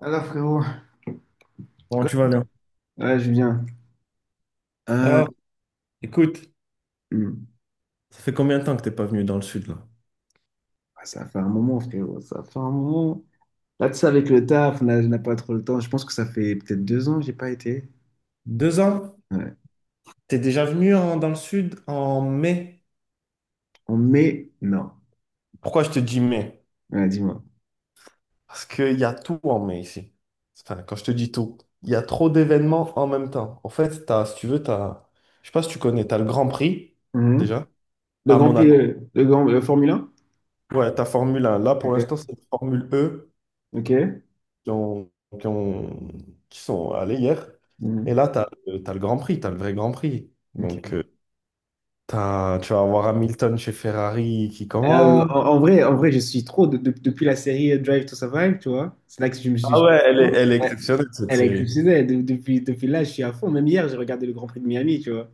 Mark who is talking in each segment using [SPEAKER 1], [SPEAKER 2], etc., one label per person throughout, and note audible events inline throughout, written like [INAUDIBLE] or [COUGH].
[SPEAKER 1] Alors frérot,
[SPEAKER 2] Comment tu vas là?
[SPEAKER 1] ouais Julien, euh,
[SPEAKER 2] Ah, écoute.
[SPEAKER 1] hmm.
[SPEAKER 2] Ça fait combien de temps que t'es pas venu dans le sud là?
[SPEAKER 1] Ah, ça fait un moment frérot, ça fait un moment. Là tu sais avec le taf, on n'a pas trop le temps. Je pense que ça fait peut-être 2 ans que j'ai pas été.
[SPEAKER 2] Deux ans,
[SPEAKER 1] Ouais.
[SPEAKER 2] t'es déjà venu dans le sud en mai.
[SPEAKER 1] En mai, non.
[SPEAKER 2] Pourquoi je te dis mai?
[SPEAKER 1] Ouais, dis-moi.
[SPEAKER 2] Parce qu'il y a tout en mai ici. Enfin, quand je te dis tout, il y a trop d'événements en même temps. En fait, si tu veux, je sais pas si tu connais, t'as le Grand Prix,
[SPEAKER 1] Mhm.
[SPEAKER 2] déjà,
[SPEAKER 1] Le
[SPEAKER 2] à
[SPEAKER 1] Grand Prix,
[SPEAKER 2] Monaco.
[SPEAKER 1] le Grand, le Formule 1?
[SPEAKER 2] Ouais, ta Formule 1. Là, pour
[SPEAKER 1] Ok.
[SPEAKER 2] l'instant, c'est la Formule E
[SPEAKER 1] Ok.
[SPEAKER 2] qui ont, qui ont- qui sont allés hier. Et
[SPEAKER 1] Mhm.
[SPEAKER 2] là, t'as, as le Grand Prix, t'as le vrai Grand Prix.
[SPEAKER 1] Ok.
[SPEAKER 2] Donc, tu vas avoir Hamilton chez Ferrari qui
[SPEAKER 1] Euh,
[SPEAKER 2] commence.
[SPEAKER 1] en, en vrai, en vrai, je suis trop depuis la série Drive to Survive, tu vois. C'est là que je me
[SPEAKER 2] Ah
[SPEAKER 1] suis.
[SPEAKER 2] ouais, elle est
[SPEAKER 1] Ouais.
[SPEAKER 2] exceptionnelle cette
[SPEAKER 1] Elle est
[SPEAKER 2] série.
[SPEAKER 1] exceptionnelle. Depuis là, je suis à fond. Même hier, j'ai regardé le Grand Prix de Miami, tu vois.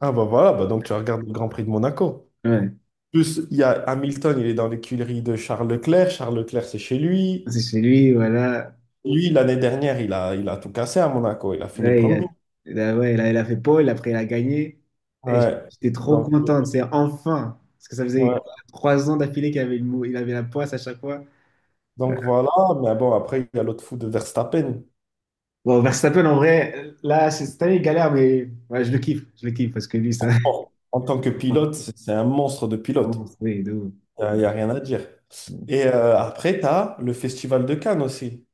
[SPEAKER 2] Ah bah voilà, bah donc tu regardes le Grand Prix de Monaco.
[SPEAKER 1] Ouais.
[SPEAKER 2] Plus, il y a Hamilton, il est dans l'écurie de Charles Leclerc. Charles Leclerc, c'est chez lui.
[SPEAKER 1] C'est chez lui, voilà.
[SPEAKER 2] Lui, l'année dernière, il a tout cassé à Monaco. Il a fini
[SPEAKER 1] Là, il a,
[SPEAKER 2] premier.
[SPEAKER 1] là, ouais, il a fait pole, après il a gagné. Et
[SPEAKER 2] Ouais.
[SPEAKER 1] j'étais trop
[SPEAKER 2] Donc,
[SPEAKER 1] contente, c'est enfin. Parce que ça faisait
[SPEAKER 2] ouais.
[SPEAKER 1] 3 ans d'affilée qu'il avait, il avait la poisse à chaque fois.
[SPEAKER 2] Donc voilà, mais bon, après, il y a l'autre fou de Verstappen.
[SPEAKER 1] Bon, Verstappen, en vrai, là, cette année, il galère, mais ouais, je le kiffe. Je le kiffe parce que lui, ça.
[SPEAKER 2] Bon, en tant que pilote,
[SPEAKER 1] [LAUGHS]
[SPEAKER 2] c'est un monstre de
[SPEAKER 1] Vraiment,
[SPEAKER 2] pilote.
[SPEAKER 1] c'est de ouf.
[SPEAKER 2] Y a rien à dire. Et après, tu as le Festival de Cannes aussi.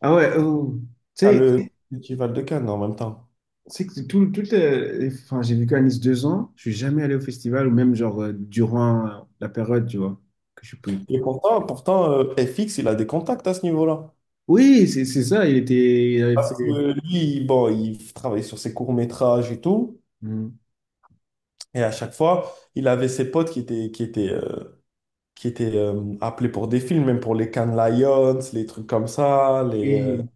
[SPEAKER 1] Ah ouais, oh. Tu
[SPEAKER 2] T'as
[SPEAKER 1] sais, tu
[SPEAKER 2] le Festival de Cannes en même temps.
[SPEAKER 1] sais que tout, enfin, j'ai vécu à Nice 2 ans, je suis jamais allé au festival ou même genre durant la période, tu vois, que je suis plus.
[SPEAKER 2] Et pourtant FX, il a des contacts à ce niveau-là.
[SPEAKER 1] Oui, c'est ça, il était, il avait
[SPEAKER 2] Parce
[SPEAKER 1] fait.
[SPEAKER 2] que lui, bon, il travaillait sur ses courts-métrages et tout.
[SPEAKER 1] Mm.
[SPEAKER 2] Et à chaque fois, il avait ses potes qui étaient appelés pour des films, même pour les Cannes Lions, les trucs comme ça.
[SPEAKER 1] et-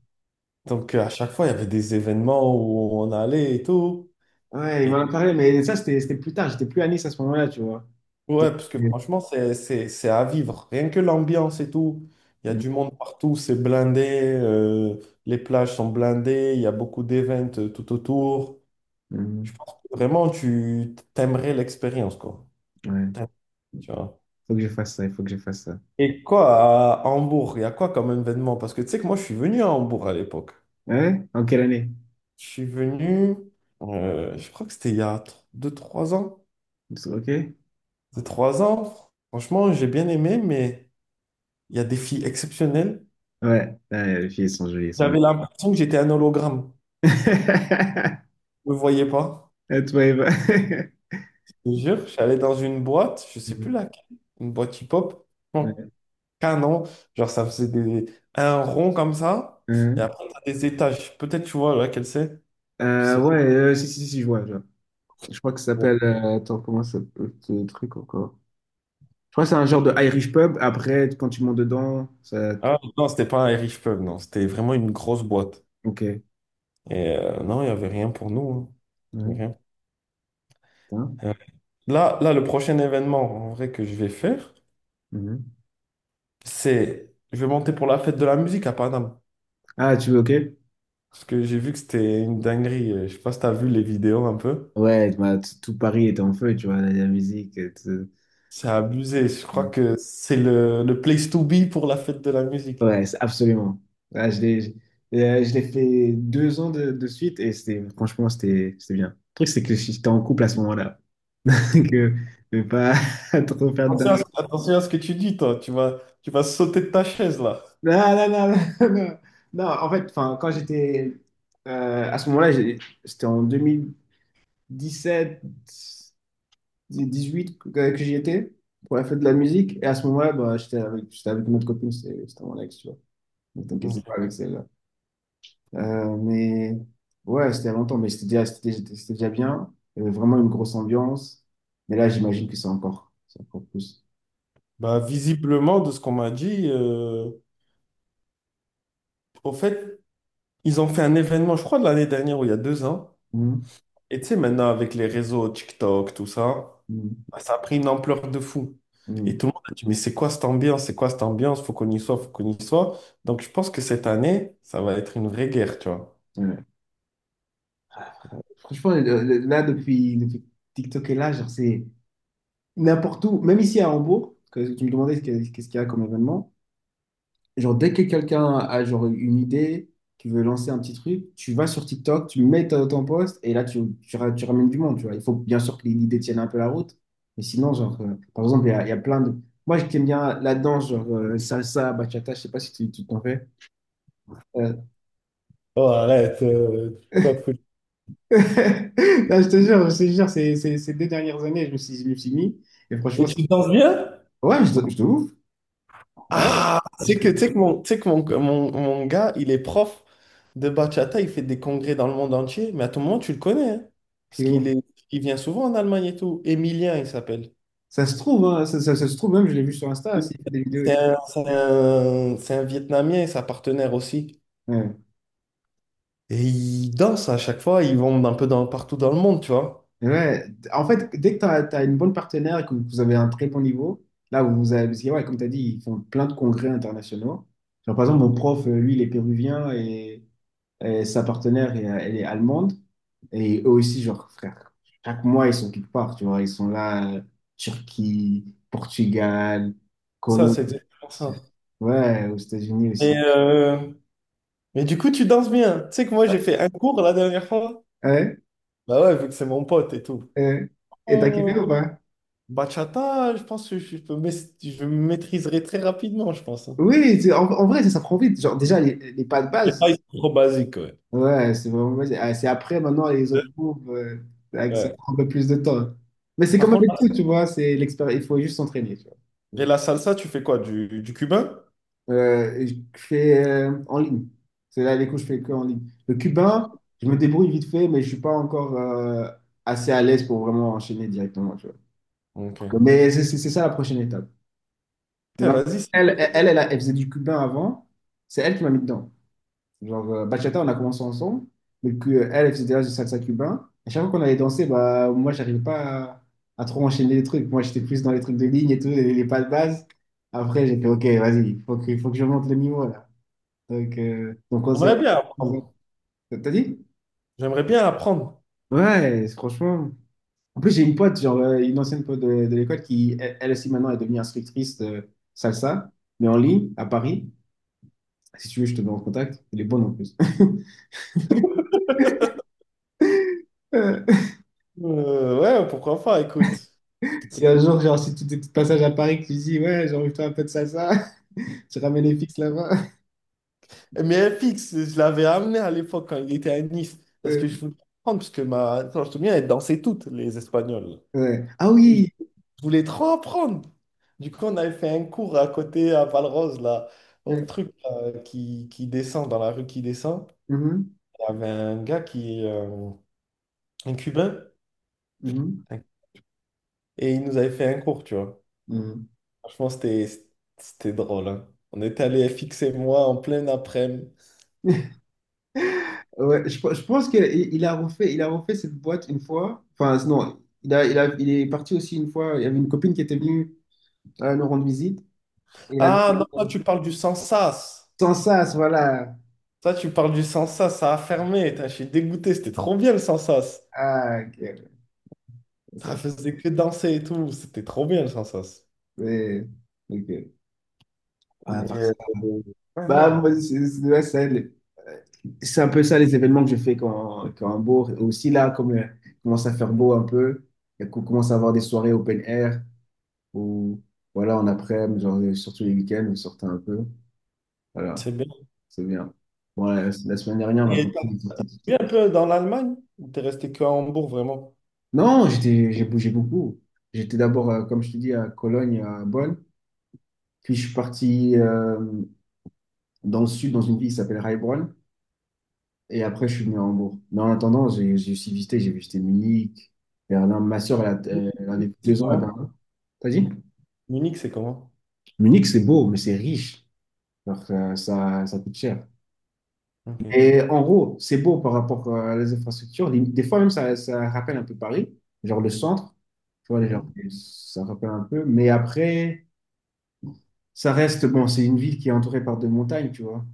[SPEAKER 2] Donc à chaque fois, il y avait des événements où on allait et tout.
[SPEAKER 1] ouais, il m'en a parlé, mais ça, c'était plus tard, j'étais plus à Nice à ce moment-là, tu vois.
[SPEAKER 2] Ouais, parce que
[SPEAKER 1] Mm.
[SPEAKER 2] franchement, c'est à vivre. Rien que l'ambiance et tout. Il y a
[SPEAKER 1] Mm.
[SPEAKER 2] du monde partout, c'est blindé, euh, les plages sont blindées, il y a beaucoup d'events tout autour. Je
[SPEAKER 1] Mm.
[SPEAKER 2] pense que vraiment, tu t'aimerais l'expérience, quoi.
[SPEAKER 1] Ouais,
[SPEAKER 2] T'aimerais, Tu vois.
[SPEAKER 1] faut que je fasse ça, il faut que je fasse ça.
[SPEAKER 2] Et quoi, à Hambourg, il y a quoi comme événement? Parce que tu sais que moi, je suis venu à Hambourg à l'époque.
[SPEAKER 1] Ouais? En quelle année?
[SPEAKER 2] Je suis venu, je crois que c'était il y a deux trois ans.
[SPEAKER 1] Ok?
[SPEAKER 2] Deux trois ans, franchement, j'ai bien aimé, mais il y a des filles exceptionnelles.
[SPEAKER 1] Ouais, ah, les filles sont jolies, elles sont jolies.
[SPEAKER 2] J'avais l'impression que j'étais un hologramme.
[SPEAKER 1] [LAUGHS]
[SPEAKER 2] Je ne me voyais pas.
[SPEAKER 1] Toi, Eva. [LAUGHS]
[SPEAKER 2] Je te jure, je suis allé dans une boîte, je sais plus
[SPEAKER 1] Mm.
[SPEAKER 2] laquelle, une boîte hip-hop, bon
[SPEAKER 1] Ouais.
[SPEAKER 2] canon. Genre, ça faisait un rond comme ça. Et
[SPEAKER 1] Hein.
[SPEAKER 2] après, t'as des étages. Peut-être tu vois laquelle c'est. Je sais pas.
[SPEAKER 1] Ouais, si, si, si, si, je vois, je vois. Je crois que ça s'appelle. Attends, comment ça s'appelle ce truc encore? Je crois que c'est un genre de Irish pub. Après, quand tu montes dedans, ça.
[SPEAKER 2] Ah, non, c'était pas un Irish pub, non. C'était vraiment une grosse boîte.
[SPEAKER 1] Ok.
[SPEAKER 2] Et non, il n'y avait rien pour nous, hein. Il y
[SPEAKER 1] Ouais.
[SPEAKER 2] avait
[SPEAKER 1] Hein.
[SPEAKER 2] rien. Là, le prochain événement en vrai que je vais faire,
[SPEAKER 1] Mhm.
[SPEAKER 2] c'est je vais monter pour la fête de la musique à Paname.
[SPEAKER 1] Ah, tu veux, ok?
[SPEAKER 2] Parce que j'ai vu que c'était une dinguerie. Je sais pas si t'as vu les vidéos un peu.
[SPEAKER 1] Ouais, bah, tout Paris était en feu, tu vois, la musique. Tout...
[SPEAKER 2] C'est abusé. Je crois que c'est le place to be pour la fête de la musique.
[SPEAKER 1] Ouais, absolument. Ah, je l'ai fait 2 ans de suite et c'était, franchement, c'était bien. Le truc, c'est que j'étais en couple à ce moment-là. [LAUGHS] Que je vais pas [LAUGHS] trop faire de
[SPEAKER 2] Attention à ce,
[SPEAKER 1] dingue.
[SPEAKER 2] attention à ce que tu dis, toi. Tu vas sauter de ta chaise, là.
[SPEAKER 1] Non, non, non, [LAUGHS] non, non. Non, en fait, enfin, quand j'étais à ce moment-là, c'était en 2017. 18 que j'y étais pour la fête de la musique. Et à ce moment-là, bah, j'étais avec une autre copine, c'était mon ex, tu vois. Donc t'inquiète, c'est pas
[SPEAKER 2] Ok.
[SPEAKER 1] avec celle-là. Mais ouais, c'était il y a longtemps, mais c'était déjà bien. Il y avait vraiment une grosse ambiance. Mais là, j'imagine que c'est encore plus.
[SPEAKER 2] Bah, visiblement, de ce qu'on m'a dit, au fait, ils ont fait un événement, je crois, de l'année dernière ou il y a deux ans.
[SPEAKER 1] Mhm.
[SPEAKER 2] Et tu sais, maintenant, avec les réseaux TikTok, tout ça.
[SPEAKER 1] Mhm.
[SPEAKER 2] Ça a pris une ampleur de fou. Et
[SPEAKER 1] Mhm.
[SPEAKER 2] tout le monde a dit, mais c'est quoi cette ambiance? C'est quoi cette ambiance? Faut qu'on y soit, faut qu'on y soit. Donc je pense que cette année, ça va être une vraie guerre, tu vois.
[SPEAKER 1] Ouais. Franchement, là, depuis TikTok est là, genre, c'est n'importe où, même ici à Hambourg, que tu me demandais ce qu'est-ce qu'il y a comme événement. Genre, dès que quelqu'un a genre une idée, qui veut lancer un petit truc, tu vas sur TikTok, tu mets ton post et là, tu ramènes du monde, tu vois. Il faut bien sûr que l'idée tienne un peu la route. Mais sinon, genre, par exemple, il y a plein de... Moi, je t'aime bien la danse, genre salsa, bachata, je sais pas si tu t'en fais. Euh,
[SPEAKER 2] Oh, arrête, quoi de fou.
[SPEAKER 1] [LAUGHS] Non, je te jure, ces 2 dernières années, je me suis mis. Et
[SPEAKER 2] Et
[SPEAKER 1] franchement,
[SPEAKER 2] tu danses bien?
[SPEAKER 1] ouais, je te ouvre. Ouais,
[SPEAKER 2] Ah,
[SPEAKER 1] je-
[SPEAKER 2] c'est que, tu sais que, mon, tu sais que mon gars, il est prof de bachata, il fait des congrès dans le monde entier, mais à tout moment, tu le connais, hein. parce qu'il
[SPEAKER 1] c'est-
[SPEAKER 2] est, il vient souvent en Allemagne et tout. Emilien, il s'appelle.
[SPEAKER 1] ça se trouve, hein, ça se trouve même, je l'ai vu sur Insta, s'il fait des vidéos et
[SPEAKER 2] C'est
[SPEAKER 1] tout.
[SPEAKER 2] un, c'est un- c'est un Vietnamien et sa partenaire aussi.
[SPEAKER 1] Ouais.
[SPEAKER 2] Et ils dansent à chaque fois, ils vont un peu partout dans le monde, tu vois.
[SPEAKER 1] Ouais, en fait, dès que tu as, une bonne partenaire et que vous avez un très bon niveau, là vous avez, parce que, ouais, comme tu as dit, ils font plein de congrès internationaux. Genre, par exemple, mon prof, lui, il est péruvien et sa partenaire, elle, elle est allemande. Et eux aussi, genre, frère, chaque mois, ils sont quelque part, tu vois, ils sont là, Turquie, Portugal,
[SPEAKER 2] Ça,
[SPEAKER 1] Colombie,
[SPEAKER 2] c'est exactement ça.
[SPEAKER 1] ouais, aux États-Unis
[SPEAKER 2] Et,
[SPEAKER 1] aussi.
[SPEAKER 2] euh, mais du coup, tu danses bien. Tu sais que moi,
[SPEAKER 1] Ouais,
[SPEAKER 2] j'ai fait un cours la dernière fois.
[SPEAKER 1] ouais.
[SPEAKER 2] Bah ouais, vu que c'est mon pote et tout.
[SPEAKER 1] Ouais. Et t'as kiffé ou
[SPEAKER 2] Oh,
[SPEAKER 1] pas?
[SPEAKER 2] bachata, je pense que je maîtriserai très rapidement, je pense, hein.
[SPEAKER 1] Oui, en vrai, ça prend vite. Genre, déjà, les pas de
[SPEAKER 2] Les
[SPEAKER 1] base.
[SPEAKER 2] pas, ils sont trop basiques, ouais.
[SPEAKER 1] Ouais, c'est vraiment, c'est ah, c'est après, maintenant, les autres cours, ça
[SPEAKER 2] Ouais.
[SPEAKER 1] prend un peu plus de temps. Mais c'est
[SPEAKER 2] Par
[SPEAKER 1] comme avec
[SPEAKER 2] contre,
[SPEAKER 1] tout, tu vois, c'est l'expérience, il faut juste s'entraîner, tu vois.
[SPEAKER 2] et la salsa, tu fais quoi? Du cubain?
[SPEAKER 1] Je fais en ligne. C'est là, les cours, je fais que en ligne. Le cubain, je me débrouille vite fait, mais je suis pas encore assez à l'aise pour vraiment enchaîner directement, tu vois.
[SPEAKER 2] Ok.
[SPEAKER 1] Mais c'est ça la prochaine étape. Mais
[SPEAKER 2] Putain, vas-y, c'est dur.
[SPEAKER 1] elle faisait du cubain avant, c'est elle qui m'a mis dedans. Genre, bachata, on a commencé ensemble, mais que, elle, elle faisait déjà du salsa cubain. À chaque fois qu'on allait danser, bah, moi, j'arrivais pas à trop enchaîner les trucs. Moi, j'étais plus dans les trucs de ligne et tout, les pas de base. Après, j'ai fait, OK, vas-y, il faut que je monte le niveau, là. Donc on
[SPEAKER 2] On
[SPEAKER 1] s'est...
[SPEAKER 2] aimerait bien apprendre.
[SPEAKER 1] T'as dit?
[SPEAKER 2] J'aimerais bien apprendre.
[SPEAKER 1] Ouais, franchement. En plus, j'ai une pote, genre, une ancienne pote de l'école qui, elle, elle aussi, maintenant, est devenue instructrice de salsa, mais en ligne, à Paris. Si tu veux, je te mets en contact. Elle est bonne, en plus. [LAUGHS]
[SPEAKER 2] Ouais, pourquoi pas, écoute.
[SPEAKER 1] Si un jour, genre, si tu es de passage à Paris, que tu dis, ouais, j'ai envie de faire un peu de salsa, [LAUGHS] tu ramènes les fixes là-bas.
[SPEAKER 2] Mais FX, je l'avais amené à l'époque quand il était à Nice, parce
[SPEAKER 1] Euh,
[SPEAKER 2] que je voulais apprendre, parce que quand je te souviens, elle dansait toutes, les Espagnols.
[SPEAKER 1] ouais. Ah
[SPEAKER 2] Je
[SPEAKER 1] oui!
[SPEAKER 2] voulais trop apprendre. Du coup, on avait fait un cours à côté, à Valrose, là, au
[SPEAKER 1] Euh,
[SPEAKER 2] truc là, qui descend, dans la rue qui descend.
[SPEAKER 1] mhm,
[SPEAKER 2] Il y avait un gars un Cubain,
[SPEAKER 1] mhm,
[SPEAKER 2] et il nous avait fait un cours, tu vois.
[SPEAKER 1] mhm.
[SPEAKER 2] Franchement, c'était drôle, hein. On était allé FX et moi en plein après-midi.
[SPEAKER 1] Ouais, je pense qu'il il a refait cette boîte une fois. Enfin, non, il est parti aussi une fois. Il y avait une copine qui était venue nous rendre visite. Et il avait
[SPEAKER 2] Ah non,
[SPEAKER 1] dit,
[SPEAKER 2] toi, tu parles du Sansas.
[SPEAKER 1] sans ça, voilà.
[SPEAKER 2] Toi, tu parles du Sansas, ça a fermé. Tain, je suis dégoûté, c'était trop bien le Sansas.
[SPEAKER 1] Ah, ok. Ça,
[SPEAKER 2] Ça faisait que danser et tout, c'était trop bien le Sansas.
[SPEAKER 1] c'est- ok. Ah,
[SPEAKER 2] Et,
[SPEAKER 1] par ça.
[SPEAKER 2] euh, ouais,
[SPEAKER 1] Bah,
[SPEAKER 2] non,
[SPEAKER 1] moi, ouais, ça, euh, c'est un peu ça les événements que je fais quand il beau. Aussi là, comme il commence à faire beau un peu, et qu'on commence à avoir des soirées open air ou voilà, en après, genre, surtout les week-ends, on sortait un peu. Voilà,
[SPEAKER 2] c'est bien.
[SPEAKER 1] c'est bien. Bon, la semaine dernière, ma
[SPEAKER 2] Et
[SPEAKER 1] copine,
[SPEAKER 2] t'as
[SPEAKER 1] elle sortait...
[SPEAKER 2] vu un peu dans l'Allemagne? Ou t'es resté que à Hambourg, vraiment?
[SPEAKER 1] Non, j'étais, j'ai bougé beaucoup. J'étais d'abord, comme je te dis, à Cologne, à Bonn. Puis je suis parti dans le sud, dans une ville qui s'appelle Heilbronn. Et après, je suis venu à Hambourg. Mais en attendant, j'ai aussi visité, j'ai visité Munich, Berlin. Ma sœur, elle a vécu
[SPEAKER 2] C'est
[SPEAKER 1] 2 ans à
[SPEAKER 2] comment?
[SPEAKER 1] Berlin. T'as dit?
[SPEAKER 2] Munich, c'est comment?
[SPEAKER 1] Munich, c'est beau, mais c'est riche. Alors, ça coûte cher.
[SPEAKER 2] Ok.
[SPEAKER 1] Et en gros, c'est beau par rapport à les infrastructures. Des fois, même, ça rappelle un peu Paris, genre le centre. Tu vois, genre,
[SPEAKER 2] Mhm.
[SPEAKER 1] ça rappelle un peu. Mais après, ça reste, bon, c'est une ville qui est entourée par 2 montagnes, tu vois.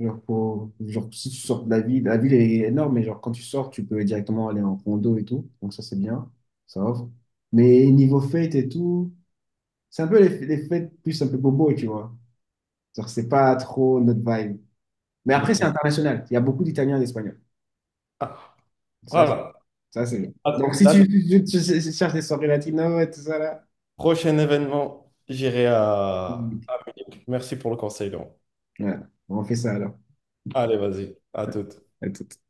[SPEAKER 1] Genre, genre, si tu sors de la ville est énorme, mais genre, quand tu sors, tu peux directement aller en condo et tout. Donc, ça, c'est bien. Ça offre. Mais niveau fête et tout, c'est un peu les fêtes plus un peu bobo, tu vois. Genre, c'est pas trop notre vibe. Mais après,
[SPEAKER 2] Ok.
[SPEAKER 1] c'est international. Il y a beaucoup d'Italiens et d'Espagnols.
[SPEAKER 2] Ah,
[SPEAKER 1] Ça,
[SPEAKER 2] voilà.
[SPEAKER 1] ça c'est bien.
[SPEAKER 2] Alors,
[SPEAKER 1] Donc, si
[SPEAKER 2] là,
[SPEAKER 1] tu cherches des soirées latino et tout ça, là,
[SPEAKER 2] prochain événement, j'irai à.
[SPEAKER 1] hmm,
[SPEAKER 2] Merci pour le conseil, Laurent.
[SPEAKER 1] ouais, on fait ça alors.
[SPEAKER 2] Allez, vas-y, à
[SPEAKER 1] Ouais.
[SPEAKER 2] toute.
[SPEAKER 1] À tout.